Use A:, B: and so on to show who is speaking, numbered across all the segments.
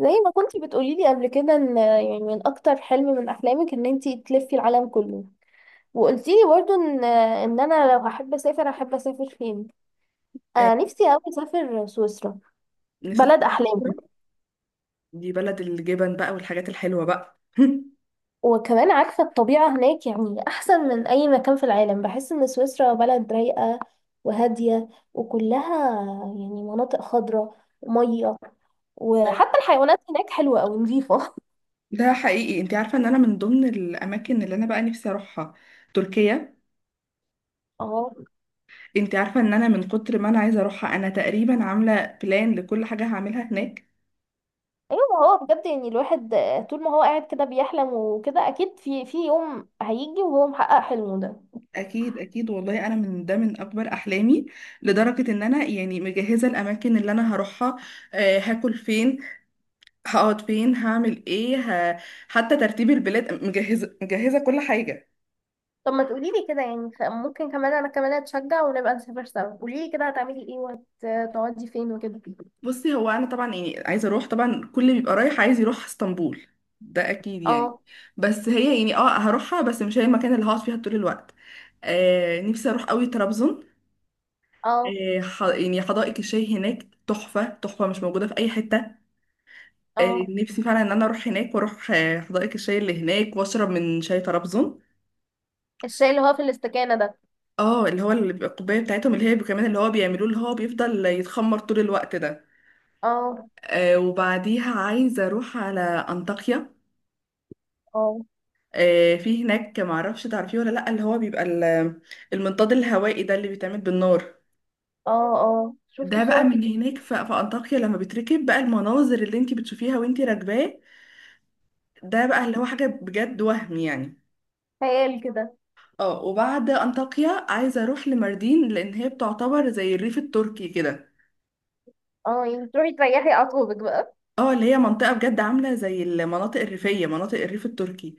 A: زي ما كنتي بتقولي لي قبل كده ان يعني من اكتر حلم من احلامك ان انتي تلفي العالم كله. وقلتي لي برضو ان انا لو هحب اسافر فين.
B: آه،
A: انا نفسي قوي اسافر سويسرا،
B: نسيت
A: بلد احلامي.
B: بكرة. دي بلد الجبن بقى والحاجات الحلوة بقى
A: وكمان عارفه الطبيعه هناك، يعني احسن من اي مكان في العالم. بحس ان سويسرا بلد رايقه وهاديه، وكلها يعني مناطق خضراء وميه، وحتى الحيوانات هناك حلوه قوي، نظيفه.
B: ده حقيقي، انت عارفة ان انا من ضمن الاماكن اللي انا بقى نفسي اروحها تركيا.
A: اه،
B: انت عارفة ان انا من كتر ما انا عايزة اروحها انا تقريبا عاملة بلان لكل حاجة هعملها هناك.
A: ايوه، ما هو بجد يعني الواحد طول ما هو قاعد كده بيحلم وكده، اكيد في يوم هيجي وهو محقق حلمه ده.
B: اكيد اكيد والله انا من اكبر احلامي، لدرجة ان انا يعني مجهزة الاماكن اللي انا هروحها. هاكل فين، هقعد فين، هعمل ايه. ه... حتى ترتيب البلاد مجهزة مجهزة كل حاجة.
A: طب ما تقولي لي كده، يعني ممكن كمان انا كمان اتشجع ونبقى نسافر سوا. قولي لي كده، هتعملي ايه وهتقعدي فين وكده.
B: بصي، هو انا طبعا يعني عايزه اروح طبعا، كل اللي بيبقى رايح عايز يروح اسطنبول، ده اكيد يعني.
A: اه،
B: بس هي يعني هروحها بس مش هي المكان اللي هقعد فيها طول الوقت. نفسي اروح قوي طرابزون.
A: اه،
B: يعني حدائق الشاي هناك تحفه تحفه مش موجوده في اي حته.
A: اه،
B: نفسي فعلا ان انا اروح هناك واروح حدائق الشاي اللي هناك واشرب من شاي طرابزون.
A: الشاي اللي هو في الاستكانة ده؟
B: اه، اللي هو اللي بيبقى الكوبايه بتاعتهم اللي هي كمان اللي هو بيعملوه اللي هو بيفضل يتخمر طول الوقت ده.
A: اه،
B: وبعديها عايزه اروح على انطاكيا.
A: اه،
B: في هناك، معرفش تعرفيه ولا لأ، اللي هو بيبقى المنطاد الهوائي ده اللي بيتعمل بالنار.
A: اه، اه، شفت
B: ده بقى
A: صور
B: من
A: كتير،
B: هناك، في أنطاكيا، لما بتركب بقى المناظر اللي انتي بتشوفيها وانتي راكباه ده بقى اللي هو حاجة بجد وهم يعني.
A: خيال كده.
B: اه، وبعد أنطاكيا عايزة أروح لماردين لأن هي بتعتبر زي الريف التركي كده.
A: اه، يعني تروحي تريحي اعصابك بقى.
B: اه، اللي هي منطقة بجد عاملة زي المناطق الريفية، مناطق الريف التركي.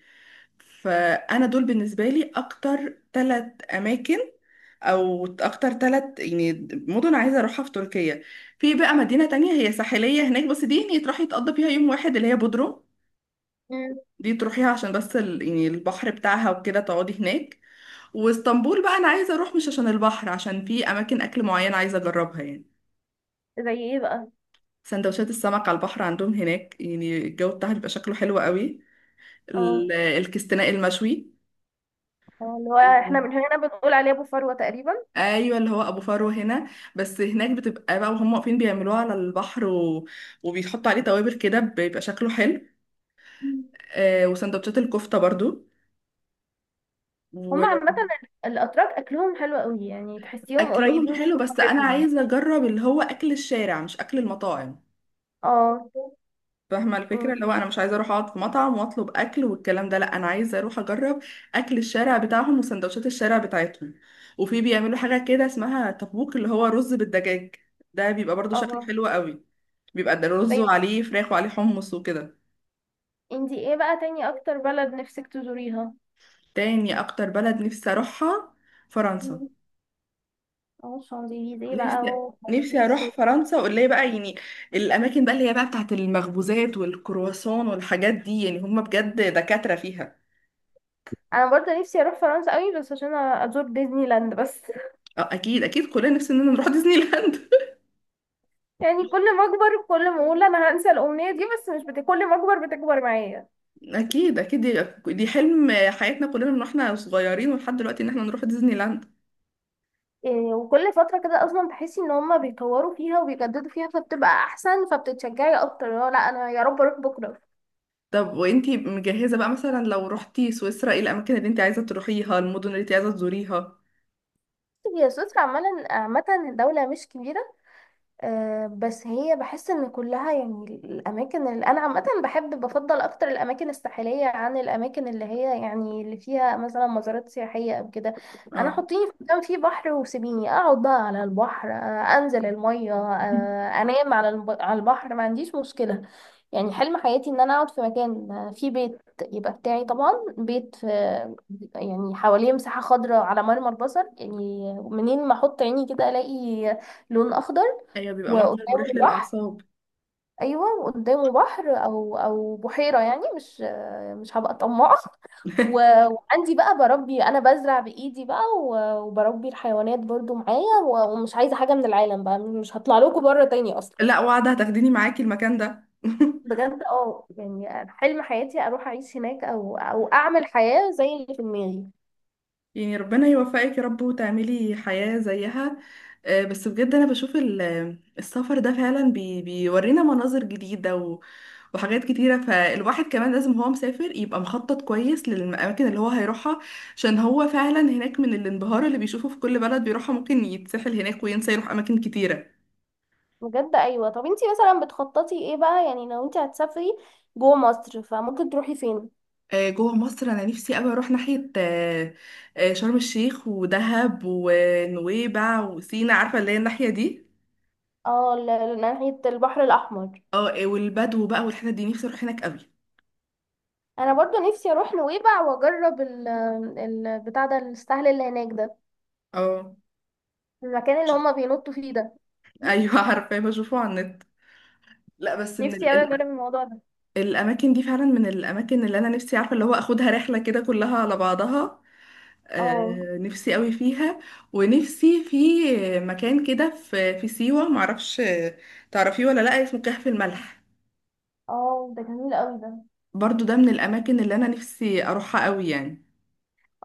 B: فأنا دول بالنسبة لي أكتر ثلاث أماكن، او اكتر ثلاث يعني مدن عايزه اروحها في تركيا. في بقى مدينه تانية هي ساحليه هناك، بس دي يعني تروحي تقضي فيها يوم واحد، اللي هي بودرو.
A: مم.
B: دي تروحيها عشان بس يعني البحر بتاعها وكده تقعدي هناك. واسطنبول بقى انا عايزه اروح مش عشان البحر، عشان في اماكن اكل معين عايزه اجربها يعني.
A: زي ايه بقى؟
B: سندوتشات السمك على البحر عندهم هناك، يعني الجو بتاعها بيبقى شكله حلو قوي.
A: اه،
B: الكستناء المشوي.
A: اه، اللي هو احنا من هنا بنقول عليه ابو فروة تقريبا.
B: ايوه، اللي هو ابو فرو هنا. بس هناك بتبقى بقى وهم واقفين بيعملوها على البحر وبيحطوا عليه توابل كده بيبقى شكله حلو. وسندوتشات الكفته برضو.
A: هما عامة الأتراك أكلهم حلو قوي، يعني تحسيهم قريبين
B: واكلهم
A: من
B: حلو، بس انا
A: ثقافتنا.
B: عايزه اجرب اللي هو اكل الشارع مش اكل المطاعم.
A: اه.
B: فاهمة الفكرة،
A: إن-
B: اللي هو أنا مش عايزة أروح أقعد في مطعم وأطلب أكل والكلام ده، لأ أنا عايزة أروح أجرب أكل الشارع بتاعهم وسندوتشات الشارع بتاعتهم. وفي بيعملوا حاجة كده اسمها تبوك، اللي هو رز بالدجاج، ده بيبقى برضو شكله
A: اه،
B: حلو قوي. بيبقى ده رز
A: طيب،
B: وعليه فراخ وعليه حمص وكده.
A: انتي ايه بقى تاني أكتر بلد نفسك تزوريها؟
B: تاني أكتر بلد نفسي أروحها فرنسا.
A: اه، شانزليزيه بقى
B: نفسي. نفسي
A: وباريس
B: أروح فرنسا، واللي هي بقى يعني الأماكن بقى اللي هي بقى بتاعت المخبوزات والكرواسون والحاجات دي، يعني هم بجد دكاترة فيها.
A: أنا برضه نفسي أروح فرنسا قوي، بس عشان أزور ديزني لاند بس
B: اه، اكيد اكيد كلنا نفسنا إننا نروح ديزني لاند.
A: يعني كل ما أكبر كل ما أقول أنا هنسى الأمنية دي، بس مش بت... كل ما أكبر بتكبر معايا.
B: اكيد اكيد، دي حلم حياتنا كلنا من واحنا صغيرين ولحد دلوقتي ان احنا نروح ديزني لاند.
A: إيه، وكل فترة كده أصلا تحسي إن هما بيطوروا فيها وبيجددوا فيها، فبتبقى أحسن، فبتتشجعي أكتر اللي هو لأ أنا يا رب أروح بكرة.
B: طب وانتي مجهزة بقى مثلا لو رحتي سويسرا، ايه الاماكن اللي انتي عايزة تروحيها، المدن اللي انتي عايزة تزوريها؟
A: هي سويسرا عامة دولة مش كبيرة. بس هي بحس ان كلها، يعني الاماكن اللي انا عامه بحب، بفضل اكتر الاماكن الساحليه عن الاماكن اللي هي يعني اللي فيها مثلا مزارات سياحيه او كده. انا
B: اه.
A: حطيني في مكان فيه بحر وسيبيني اقعد بقى على البحر، انزل الميه، انام على البحر، ما عنديش مشكله. يعني حلم حياتي ان انا اقعد في مكان فيه بيت يبقى بتاعي طبعا، بيت يعني حواليه مساحه خضراء على مرمى البصر، يعني منين ما احط عيني كده الاقي لون اخضر.
B: ايوه، بيبقى منظر مريح
A: وقدامه بحر.
B: للاعصاب.
A: ايوه، وقدامه بحر او بحيره، يعني مش هبقى طماعه. و- وعندي بقى بربي، انا بزرع بايدي بقى، و- وبربي الحيوانات برضو معايا، و- ومش عايزه حاجه من العالم بقى، مش هطلع لكم بره تاني اصلا.
B: لا، وعد هتاخديني معاكي المكان ده.
A: بجد، اه، يعني حلم حياتي اروح اعيش هناك، او اعمل حياه زي اللي في دماغي.
B: يعني ربنا يوفقك يا رب وتعملي حياة زيها. بس بجد أنا بشوف السفر ده فعلا بيورينا مناظر جديدة و وحاجات كتيرة. فالواحد كمان لازم هو مسافر يبقى مخطط كويس للأماكن اللي هو هيروحها، عشان هو فعلا هناك من الانبهار اللي بيشوفه في كل بلد بيروحها ممكن يتسحل هناك وينسى يروح أماكن كتيرة.
A: بجد، ايوه. طب انتي مثلا بتخططي ايه بقى، يعني لو انتي هتسافري جوه مصر، فممكن تروحي فين؟
B: جوه مصر أنا نفسي أوي أروح ناحية شرم الشيخ ودهب ونويبع وسينا، عارفة اللي هي الناحية دي.
A: اه، ناحيه البحر الاحمر.
B: اه، إيه، والبدو بقى والحتت دي نفسي اروح هناك قوي.
A: انا برضو نفسي اروح نويبع واجرب البتاع ده، السهل اللي هناك ده،
B: اه،
A: المكان اللي هما بينطوا فيه ده.
B: ايوه عارفه بشوفه على النت. لا بس
A: نفسي اوي اجرب الموضوع ده.
B: الاماكن دي فعلا من الاماكن اللي انا نفسي عارفه اللي هو اخدها رحله كده كلها على بعضها.
A: اه،
B: نفسي قوي فيها، ونفسي في مكان كده في سيوه، معرفش تعرفيه ولا لا، اسمه كهف الملح.
A: اه، ده جميل قوي ده.
B: برضو ده من الاماكن اللي انا نفسي اروحها قوي يعني.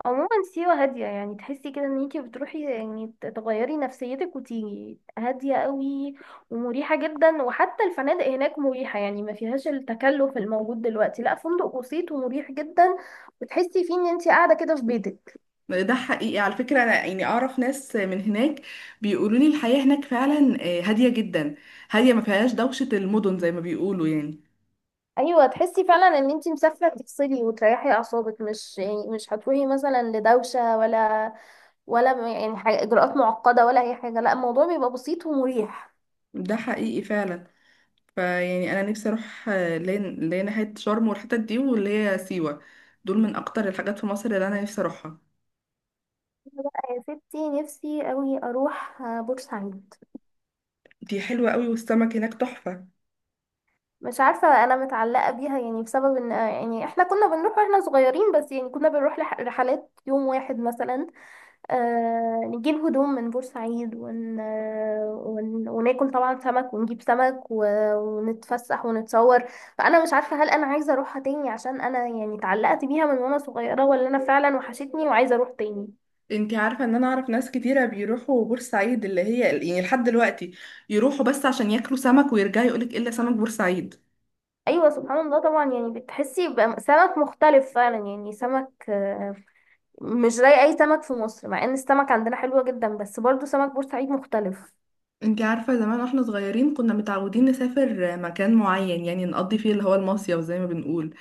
A: عموما سيوة هادية، يعني تحسي كده ان انتي بتروحي يعني تغيري نفسيتك وتيجي هادية قوي، ومريحة جدا. وحتى الفنادق هناك مريحة، يعني ما فيهاش التكلف الموجود دلوقتي. لا، فندق بسيط ومريح جدا، وتحسي فيه ان انتي قاعدة كده في بيتك.
B: ده حقيقي على فكرة، أنا يعني أعرف ناس من هناك بيقولوا لي الحياة هناك فعلا هادية جدا، هادية ما فيهاش دوشة المدن زي ما بيقولوا يعني.
A: ايوه، تحسي فعلا ان انتي مسافره تفصلي وتريحي اعصابك، مش هتروحي مثلا لدوشه ولا يعني حاجة اجراءات معقده، ولا اي حاجه. لا، الموضوع بيبقى بسيط ومريح.
B: ده حقيقي فعلا. فيعني أنا نفسي أروح اللي هي ناحية شرم والحتت دي واللي هي سيوة، دول من أكتر الحاجات في مصر اللي أنا نفسي أروحها.
A: أنا بقى يا ستي نفسي قوي اروح بورسعيد.
B: دي حلوة قوي والسمك هناك تحفة.
A: مش عارفه، انا متعلقه بيها يعني بسبب ان يعني احنا كنا بنروح واحنا صغيرين، بس يعني كنا بنروح رحلات يوم واحد مثلا. نجيب هدوم من بورسعيد وناكل طبعا سمك ونجيب سمك ونتفسح ونتصور. فأنا مش عارفة هل أنا عايزة أروحها تاني عشان أنا يعني اتعلقت بيها من وأنا صغيرة، ولا أنا فعلا وحشتني وعايزة أروح تاني.
B: انتي عارفة ان انا اعرف ناس كتيرة بيروحوا بورسعيد، اللي هي يعني لحد دلوقتي يروحوا بس عشان ياكلوا سمك ويرجعوا يقولك إيه الا سمك بورسعيد.
A: أيوة، سبحان الله، طبعا يعني بتحسي بقى سمك مختلف فعلا، يعني سمك مش زي أي سمك في مصر، مع إن السمك عندنا حلوة جدا، بس برضو سمك بورسعيد مختلف.
B: انت عارفة زمان واحنا صغيرين كنا متعودين نسافر مكان معين يعني نقضي فيه اللي هو المصيف، زي ما بنقول.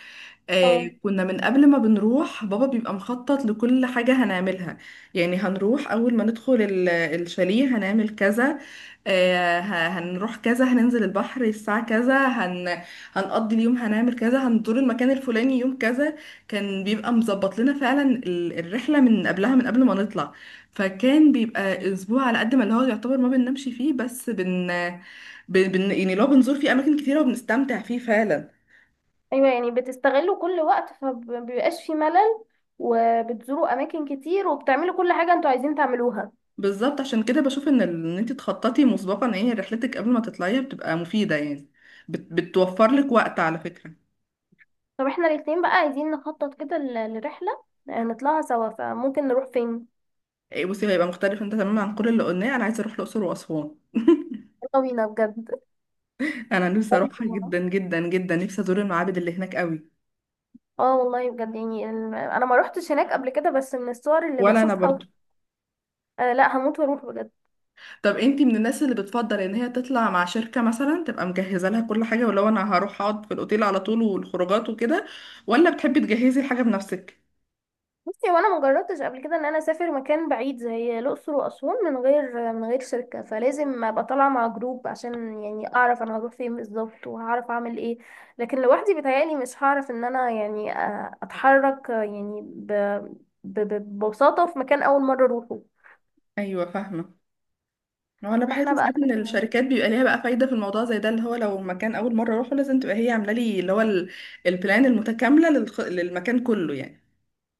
A: اه،
B: كنا من قبل ما بنروح بابا بيبقى مخطط لكل حاجة هنعملها. يعني هنروح أول ما ندخل الشاليه هنعمل كذا، هنروح كذا، هننزل البحر الساعة كذا، هنقضي اليوم هنعمل كذا، هنزور المكان الفلاني يوم كذا. كان بيبقى مظبط لنا فعلا الرحلة من قبلها، من قبل ما نطلع. فكان بيبقى أسبوع على قد ما اللي هو يعتبر ما بننامش فيه، بس بن, بن بن- يعني لو بنزور فيه أماكن كتيرة وبنستمتع فيه فعلا.
A: ايوه، يعني بتستغلوا كل وقت فمبيبقاش في ملل، وبتزوروا اماكن كتير وبتعملوا كل حاجه انتوا عايزين تعملوها.
B: بالظبط، عشان كده بشوف ان ان انت تخططي مسبقا ايه هي رحلتك قبل ما تطلعيها بتبقى مفيده يعني، بتوفر لك وقت على فكره.
A: طب احنا الاتنين بقى عايزين نخطط كده ل- لرحله نطلعها سوا، فممكن نروح فين؟
B: إيه بصي، هيبقى مختلف انت تماما عن كل اللي قلناه، انا عايزه اروح الاقصر واسوان.
A: يلا بينا بجد
B: انا نفسي اروحها جدا جدا جدا، نفسي ازور المعابد اللي هناك قوي.
A: اه والله بجد، يعني انا ما روحتش هناك قبل كده، بس من الصور اللي
B: ولا انا
A: بشوفها
B: برضو.
A: لا، هموت واروح بجد.
B: طب انت من الناس اللي بتفضل ان هي تطلع مع شركه مثلا تبقى مجهزه لها كل حاجه، ولو انا هروح اقعد في الاوتيل على طول والخروجات وكده، ولا بتحبي تجهزي الحاجه بنفسك؟
A: بصي، وانا ما جربتش قبل كده ان انا اسافر مكان بعيد زي الاقصر واسوان من غير شركه، فلازم ابقى طالعه مع جروب عشان يعني اعرف انا هروح فين بالظبط وهعرف اعمل ايه. لكن لوحدي بيتهيألي مش هعرف ان انا يعني اتحرك، يعني ب... ب- ببساطه في مكان اول مره اروحه.
B: ايوه فاهمه. ما هو انا بحس
A: فاحنا بقى.
B: ساعات ان الشركات بيبقى ليها بقى فايده في الموضوع زي ده، اللي هو لو مكان اول مره اروحه لازم تبقى هي عامله لي اللي هو البلان المتكامله للمكان كله يعني.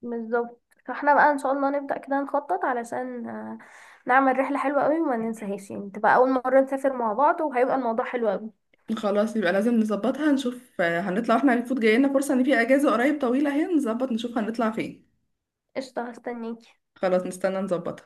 A: بالظبط. فاحنا بقى ان شاء الله نبدأ كده نخطط علشان نعمل رحله حلوه قوي وما ننساهاش، يعني تبقى اول مره نسافر مع بعض وهيبقى الموضوع حلو قوي.
B: خلاص يبقى لازم نظبطها، نشوف هنطلع احنا المفروض، جاي لنا فرصه ان في اجازه قريب طويله اهي، نظبط نشوف هنطلع فين.
A: قشطه، هستنيكي.
B: خلاص نستنى نظبطها.